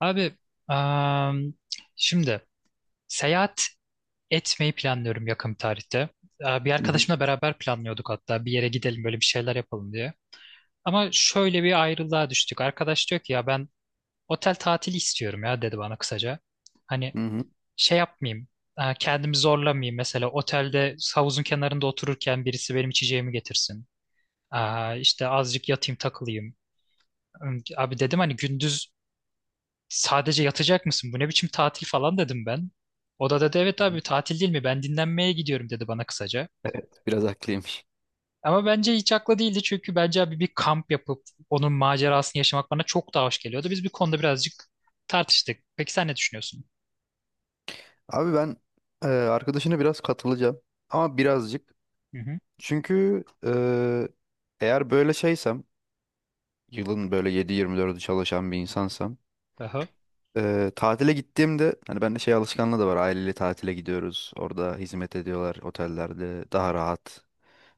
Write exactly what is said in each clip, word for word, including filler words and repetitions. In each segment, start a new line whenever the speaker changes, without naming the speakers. Abi am, şimdi seyahat etmeyi planlıyorum yakın bir tarihte. Ee, Bir
Hı hı.
arkadaşımla beraber planlıyorduk hatta bir yere gidelim böyle bir şeyler yapalım diye. Ama şöyle bir ayrılığa düştük. Arkadaş diyor ki ya ben otel tatili istiyorum ya dedi bana kısaca. Hani
Hı hı.
şey yapmayayım, e, kendimi zorlamayayım, mesela otelde havuzun kenarında otururken birisi benim içeceğimi getirsin. Aa, işte azıcık yatayım, takılayım. Abi dedim, hani gündüz sadece yatacak mısın? Bu ne biçim tatil falan dedim ben. O da dedi evet
Hı
abi,
hı.
tatil değil mi? Ben dinlenmeye gidiyorum dedi bana kısaca.
Evet, biraz haklıymış.
Ama bence hiç haklı değildi, çünkü bence abi bir kamp yapıp onun macerasını yaşamak bana çok daha hoş geliyordu. Biz bir konuda birazcık tartıştık. Peki sen ne düşünüyorsun?
Abi ben e, arkadaşına biraz katılacağım. Ama birazcık.
Hı hı.
Çünkü e, eğer böyle şeysem, yılın böyle yedi yirmi dördü çalışan bir insansam,
Aha.
e, tatile gittiğimde, hani bende şey alışkanlığı da var. Aileyle tatile gidiyoruz. Orada hizmet ediyorlar otellerde. Daha rahat.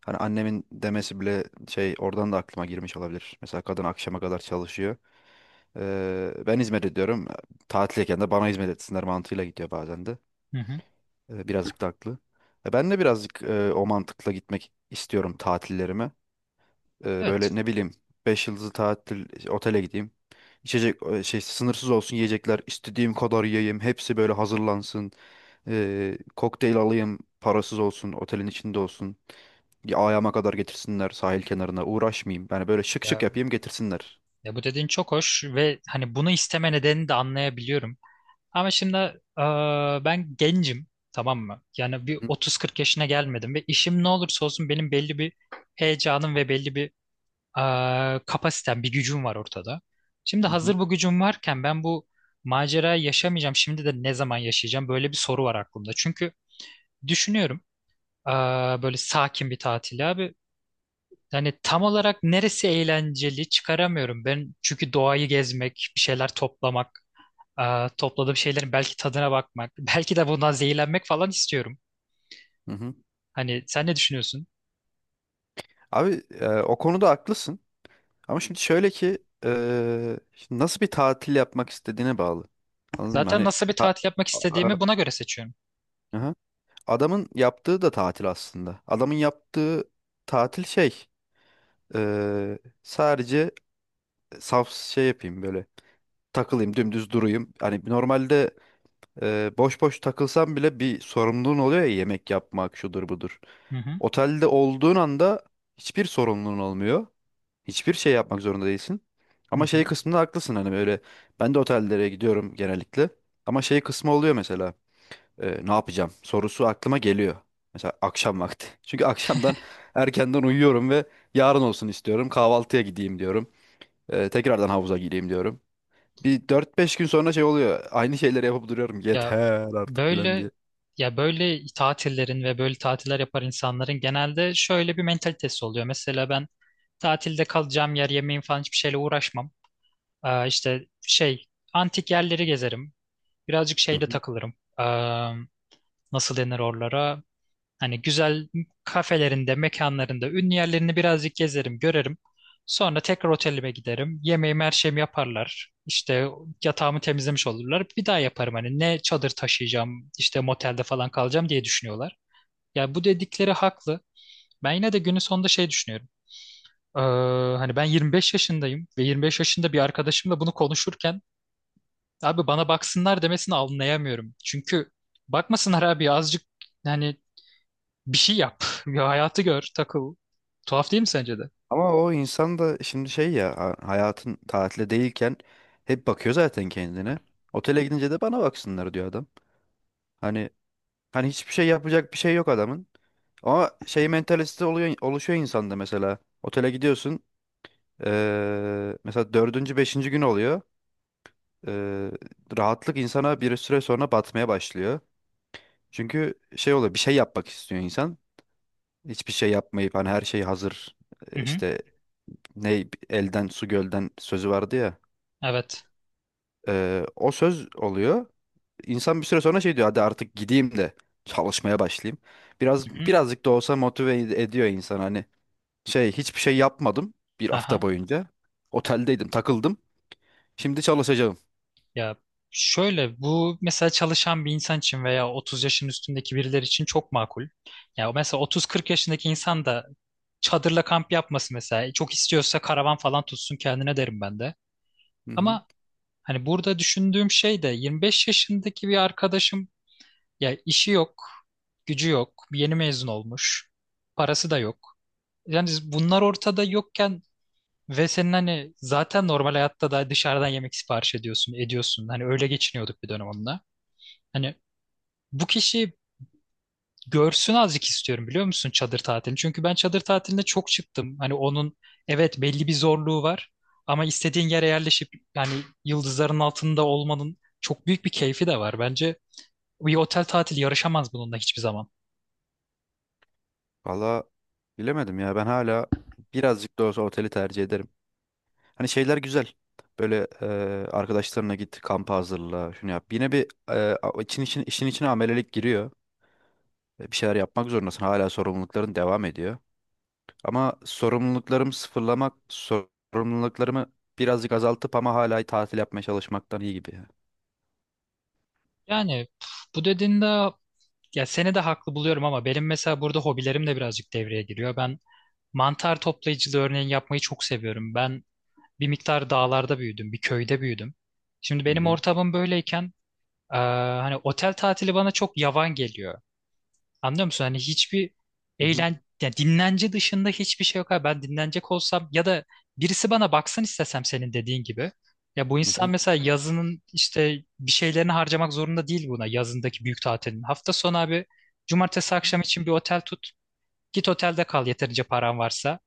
Hani annemin demesi bile şey oradan da aklıma girmiş olabilir. Mesela kadın akşama kadar çalışıyor. E, ben hizmet ediyorum. Tatildeyken de bana hizmet etsinler mantığıyla gidiyor bazen de.
Hı hı.
E, Birazcık da haklı. E, Ben de birazcık e, o mantıkla gitmek istiyorum tatillerime. E,
Evet.
böyle ne bileyim beş yıldızlı tatil işte, otele gideyim. İçecek e, şey sınırsız olsun yiyecekler. İstediğim kadar yiyeyim. Hepsi böyle hazırlansın. E, kokteyl alayım. Parasız olsun. Otelin içinde olsun. Ya, ayağıma kadar getirsinler sahil kenarına. Uğraşmayayım. Yani böyle şık şık
Ya,
yapayım getirsinler.
ya bu dediğin çok hoş ve hani bunu isteme nedenini de anlayabiliyorum. Ama şimdi e, ben gencim, tamam mı? Yani
Hı
bir
hı.
otuz kırk yaşına gelmedim ve işim ne olursa olsun benim belli bir heyecanım ve belli bir e, kapasitem, bir gücüm var ortada. Şimdi
Hı hı.
hazır bu gücüm varken ben bu macerayı yaşamayacağım. Şimdi de ne zaman yaşayacağım? Böyle bir soru var aklımda. Çünkü düşünüyorum, e, böyle sakin bir tatil abi. Yani tam olarak neresi eğlenceli çıkaramıyorum. Ben çünkü doğayı gezmek, bir şeyler toplamak. Aa, topladığım şeylerin belki tadına bakmak, belki de bundan zehirlenmek falan istiyorum.
Hı hı.
Hani sen ne düşünüyorsun?
Abi e, o konuda haklısın. Ama şimdi şöyle ki eee, şimdi nasıl bir tatil yapmak istediğine bağlı. Anladın mı?
Zaten
Hani
nasıl bir
ta-
tatil yapmak
Aa,
istediğimi buna göre seçiyorum.
aha. Adamın yaptığı da tatil aslında. Adamın yaptığı tatil şey eee, sadece saf şey yapayım böyle takılayım dümdüz durayım. Hani normalde eee, boş boş takılsam bile bir sorumluluğun oluyor ya, yemek yapmak şudur budur.
Hı hı,
Otelde olduğun anda hiçbir sorumluluğun olmuyor. Hiçbir şey yapmak zorunda değilsin.
hı
Ama
hı.
şey kısmında haklısın hani böyle, ben de otellere gidiyorum genellikle. Ama şey kısmı oluyor mesela, e, ne yapacağım sorusu aklıma geliyor. Mesela akşam vakti. Çünkü akşamdan erkenden uyuyorum ve yarın olsun istiyorum. Kahvaltıya gideyim diyorum. E, tekrardan havuza gireyim diyorum. Bir dört beş gün sonra şey oluyor. Aynı şeyleri yapıp duruyorum.
Ya
Yeter artık filan
böyle,
diye.
ya böyle tatillerin ve böyle tatiller yapar insanların genelde şöyle bir mentalitesi oluyor. Mesela ben tatilde kalacağım yer, yemeğim falan hiçbir şeyle uğraşmam. Ee, işte şey, antik yerleri gezerim. Birazcık
Hı.
şeyde takılırım. Ee, Nasıl denir oralara? Hani güzel kafelerinde, mekanlarında, ünlü yerlerini birazcık gezerim, görerim. Sonra tekrar otelime giderim. Yemeğimi, her şeyimi yaparlar. İşte yatağımı temizlemiş olurlar. Bir daha yaparım hani ne çadır taşıyacağım, işte motelde falan kalacağım diye düşünüyorlar. Ya bu dedikleri haklı. Ben yine de günün sonunda şey düşünüyorum. Ee, Hani ben yirmi beş yaşındayım ve yirmi beş yaşında bir arkadaşımla bunu konuşurken abi bana baksınlar demesini anlayamıyorum. Çünkü bakmasınlar abi, azıcık yani bir şey yap. Bir hayatı gör, takıl. Tuhaf değil mi sence de?
Ama o insan da şimdi şey ya ha- hayatın tatile değilken hep bakıyor zaten kendine. Otele gidince de bana baksınlar diyor adam. Hani hani hiçbir şey yapacak bir şey yok adamın. Ama şey mentalitesi oluyor, oluşuyor insanda mesela. Otele gidiyorsun eee, mesela dördüncü beşinci gün oluyor. Eee, Rahatlık insana bir süre sonra batmaya başlıyor. Çünkü şey oluyor, bir şey yapmak istiyor insan. Hiçbir şey yapmayıp hani her şey hazır,
Hı
e,
hı.
işte ne elden su gölden sözü vardı ya.
Evet.
Ee, o söz oluyor. İnsan bir süre sonra şey diyor, hadi artık gideyim de çalışmaya başlayayım. Biraz
Hı hı.
birazcık da olsa motive ed- ediyor insan hani. Şey, hiçbir şey yapmadım bir hafta
Aha.
boyunca. Oteldeydim, takıldım. Şimdi çalışacağım.
Ya şöyle, bu mesela çalışan bir insan için veya otuz yaşın üstündeki birileri için çok makul. Ya mesela otuz kırk yaşındaki insan da çadırla kamp yapması mesela. e, Çok istiyorsa karavan falan tutsun kendine derim ben de.
Hı hı.
Ama hani burada düşündüğüm şey de, yirmi beş yaşındaki bir arkadaşım, ya işi yok, gücü yok, yeni mezun olmuş, parası da yok. Yani bunlar ortada yokken ve senin hani zaten normal hayatta da dışarıdan yemek sipariş ediyorsun, ediyorsun. Hani öyle geçiniyorduk bir dönem onunla. Hani bu kişi görsün azıcık istiyorum, biliyor musun, çadır tatilini? Çünkü ben çadır tatiline çok çıktım. Hani onun, evet, belli bir zorluğu var ama istediğin yere yerleşip, yani yıldızların altında olmanın çok büyük bir keyfi de var. Bence bir otel tatili yarışamaz bununla hiçbir zaman.
Valla bilemedim ya, ben hala birazcık da olsa oteli tercih ederim. Hani şeyler güzel. Böyle e, arkadaşlarına git, kampa hazırla, şunu yap. Yine bir e, a- için, için, işin içine amelelik giriyor. E, Bir şeyler yapmak zorundasın. Hala sorumlulukların devam ediyor. Ama sorumluluklarımı sıfırlamak, sorumluluklarımı birazcık azaltıp ama hala tatil yapmaya çalışmaktan iyi gibi, ya.
Yani pf, bu dediğinde ya seni de haklı buluyorum, ama benim mesela burada hobilerim de birazcık devreye giriyor. Ben mantar toplayıcılığı örneğin yapmayı çok seviyorum. Ben bir miktar dağlarda büyüdüm, bir köyde büyüdüm. Şimdi
Hı
benim
hı.
ortamım böyleyken, eee, hani otel tatili bana çok yavan geliyor. Anlıyor musun? Hani hiçbir
Hı hı.
eğlen, yani dinlence dışında hiçbir şey yok abi. Ben dinlenecek olsam ya da birisi bana baksın istesem senin dediğin gibi. Ya bu
Hı
insan
hı.
mesela yazının işte bir şeylerini harcamak zorunda değil buna, yazındaki büyük tatilin. Hafta sonu abi, cumartesi akşam için bir otel tut. Git otelde kal yeterince paran varsa.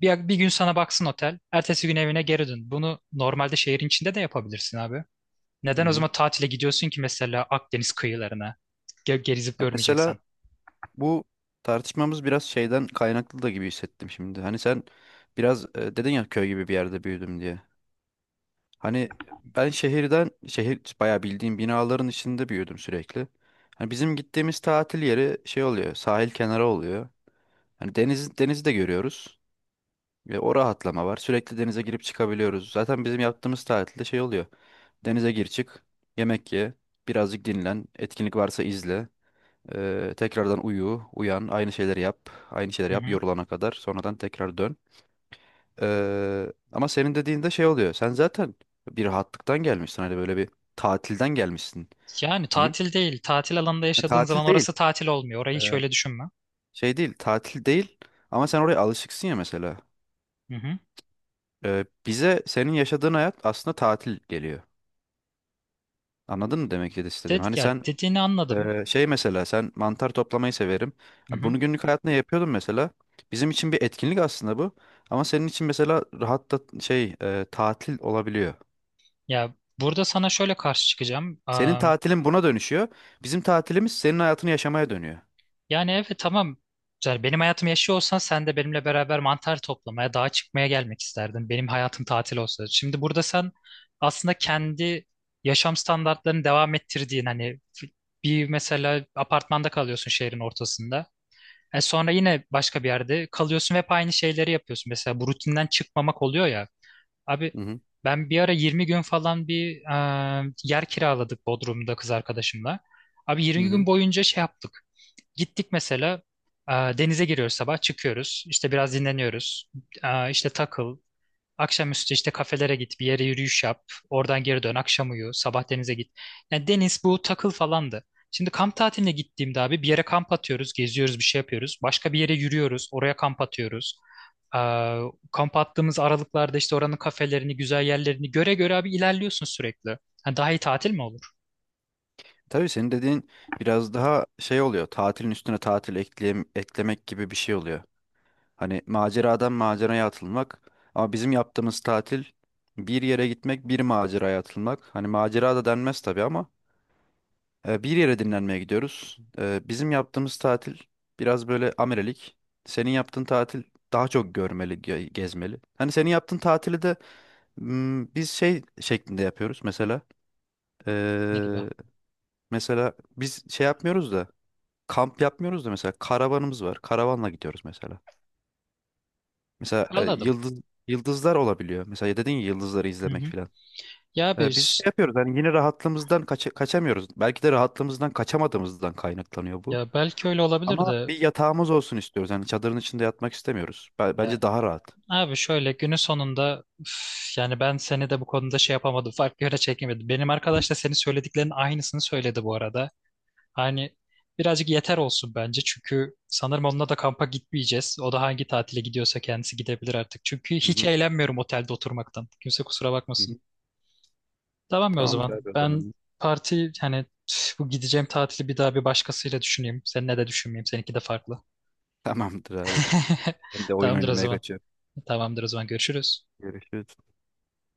Bir, bir gün sana baksın otel. Ertesi gün evine geri dön. Bunu normalde şehrin içinde de yapabilirsin abi. Neden
Hı
o
hı.
zaman tatile gidiyorsun ki mesela Akdeniz kıyılarına? Ge- Gezip
Ya mesela
görmeyeceksen.
bu tartışmamız biraz şeyden kaynaklı da gibi hissettim şimdi. Hani sen biraz e, dedin ya köy gibi bir yerde büyüdüm diye. Hani ben şehirden şehir bayağı bildiğim binaların içinde büyüdüm sürekli. Hani bizim gittiğimiz tatil yeri şey oluyor, sahil kenarı oluyor. Hani deniz denizi de görüyoruz. Ve o rahatlama var. Sürekli denize girip çıkabiliyoruz. Zaten bizim yaptığımız tatilde şey oluyor. Denize gir çık, yemek ye, birazcık dinlen, etkinlik varsa izle. Ee, tekrardan uyu, uyan, aynı şeyleri yap, aynı şeyleri
Hı
yap
hı.
yorulana kadar. Sonradan tekrar dön. Ee, ama senin dediğinde şey oluyor. Sen zaten bir rahatlıktan gelmişsin. Hani böyle bir tatilden gelmişsin
Yani
diyeyim.
tatil değil. Tatil alanında
Ya
yaşadığın
tatil
zaman
değil.
orası tatil olmuyor. Orayı
Ee,
şöyle düşünme.
Şey değil, tatil değil. Ama sen oraya alışıksın ya mesela.
Hı hı.
Ee, bize senin yaşadığın hayat aslında tatil geliyor. Anladın mı demek ki istedim?
De-
Hani
ya
sen
dediğini anladım.
eee, şey, mesela sen mantar toplamayı severim.
Hı
Ha,
hı.
bunu günlük hayatında yapıyordun mesela. Bizim için bir etkinlik aslında bu. Ama senin için mesela rahat da şey eee, tatil olabiliyor.
Ya burada sana şöyle karşı çıkacağım.
Senin
Am,
tatilin buna dönüşüyor. Bizim tatilimiz senin hayatını yaşamaya dönüyor.
yani evet tamam. Yani benim hayatımı yaşıyor olsan sen de benimle beraber mantar toplamaya, dağa çıkmaya gelmek isterdin. Benim hayatım tatil olsa. Şimdi burada sen aslında kendi yaşam standartlarını devam ettirdiğin, hani bir, mesela apartmanda kalıyorsun şehrin ortasında. E sonra yine başka bir yerde kalıyorsun ve hep aynı şeyleri yapıyorsun. Mesela bu rutinden çıkmamak oluyor ya. Abi
Hı hı.
ben bir ara yirmi gün falan bir e, yer kiraladık Bodrum'da kız arkadaşımla. Abi
Hı
yirmi
hı.
gün boyunca şey yaptık. Gittik mesela, e, denize giriyoruz sabah, çıkıyoruz. İşte biraz dinleniyoruz. E, işte takıl, akşamüstü işte kafelere git, bir yere yürüyüş yap, oradan geri dön, akşam uyu, sabah denize git. Yani deniz bu takıl falandı. Şimdi kamp tatiline gittiğimde abi bir yere kamp atıyoruz, geziyoruz, bir şey yapıyoruz. Başka bir yere yürüyoruz, oraya kamp atıyoruz. Ee, Kamp attığımız aralıklarda işte oranın kafelerini, güzel yerlerini göre göre abi ilerliyorsun sürekli. Ha, daha iyi tatil mi olur?
Tabii senin dediğin biraz daha şey oluyor. Tatilin üstüne tatil ekleyem- eklemek gibi bir şey oluyor. Hani maceradan maceraya atılmak. Ama bizim yaptığımız tatil bir yere gitmek, bir maceraya atılmak. Hani macera da denmez tabii ama e, bir yere dinlenmeye gidiyoruz. E, bizim yaptığımız tatil biraz böyle amerelik. Senin yaptığın tatil daha çok görmeli, ge- gezmeli. Hani senin yaptığın tatili de m, biz şey şeklinde yapıyoruz mesela.
Ne gibi?
E, Mesela biz şey yapmıyoruz da, kamp yapmıyoruz da, mesela karavanımız var. Karavanla gidiyoruz mesela. Mesela e,
Anladım.
yıldız yıldızlar olabiliyor. Mesela dedin ya yıldızları
Hı
izlemek
hı.
filan.
Ya abi,
E, biz şey yapıyoruz hani yine rahatlığımızdan kaça- kaçamıyoruz. Belki de rahatlığımızdan kaçamadığımızdan kaynaklanıyor bu.
ya belki öyle olabilir
Ama
de,
bir yatağımız olsun istiyoruz. Yani çadırın içinde yatmak istemiyoruz. Be-
ya
Bence daha rahat.
abi şöyle günün sonunda üf, yani ben seni de bu konuda şey yapamadım. Farklı yöne çekemedim. Benim arkadaş da senin söylediklerinin aynısını söyledi bu arada. Hani birazcık yeter olsun bence. Çünkü sanırım onunla da kampa gitmeyeceğiz. O da hangi tatile gidiyorsa kendisi gidebilir artık. Çünkü
Hı
hiç
hı.
eğlenmiyorum otelde oturmaktan. Kimse kusura
Hı
bakmasın.
hı.
Tamam mı o
Tamamdır
zaman?
abi o
Ben
zaman.
parti hani üf, bu gideceğim tatili bir daha bir başkasıyla düşüneyim. Seninle de düşünmeyeyim. Seninki de farklı.
Tamamdır abi. Ben de oyun
Tamamdır o
oynamaya
zaman.
kaçıyorum.
Tamamdır o zaman. Görüşürüz.
Görüşürüz.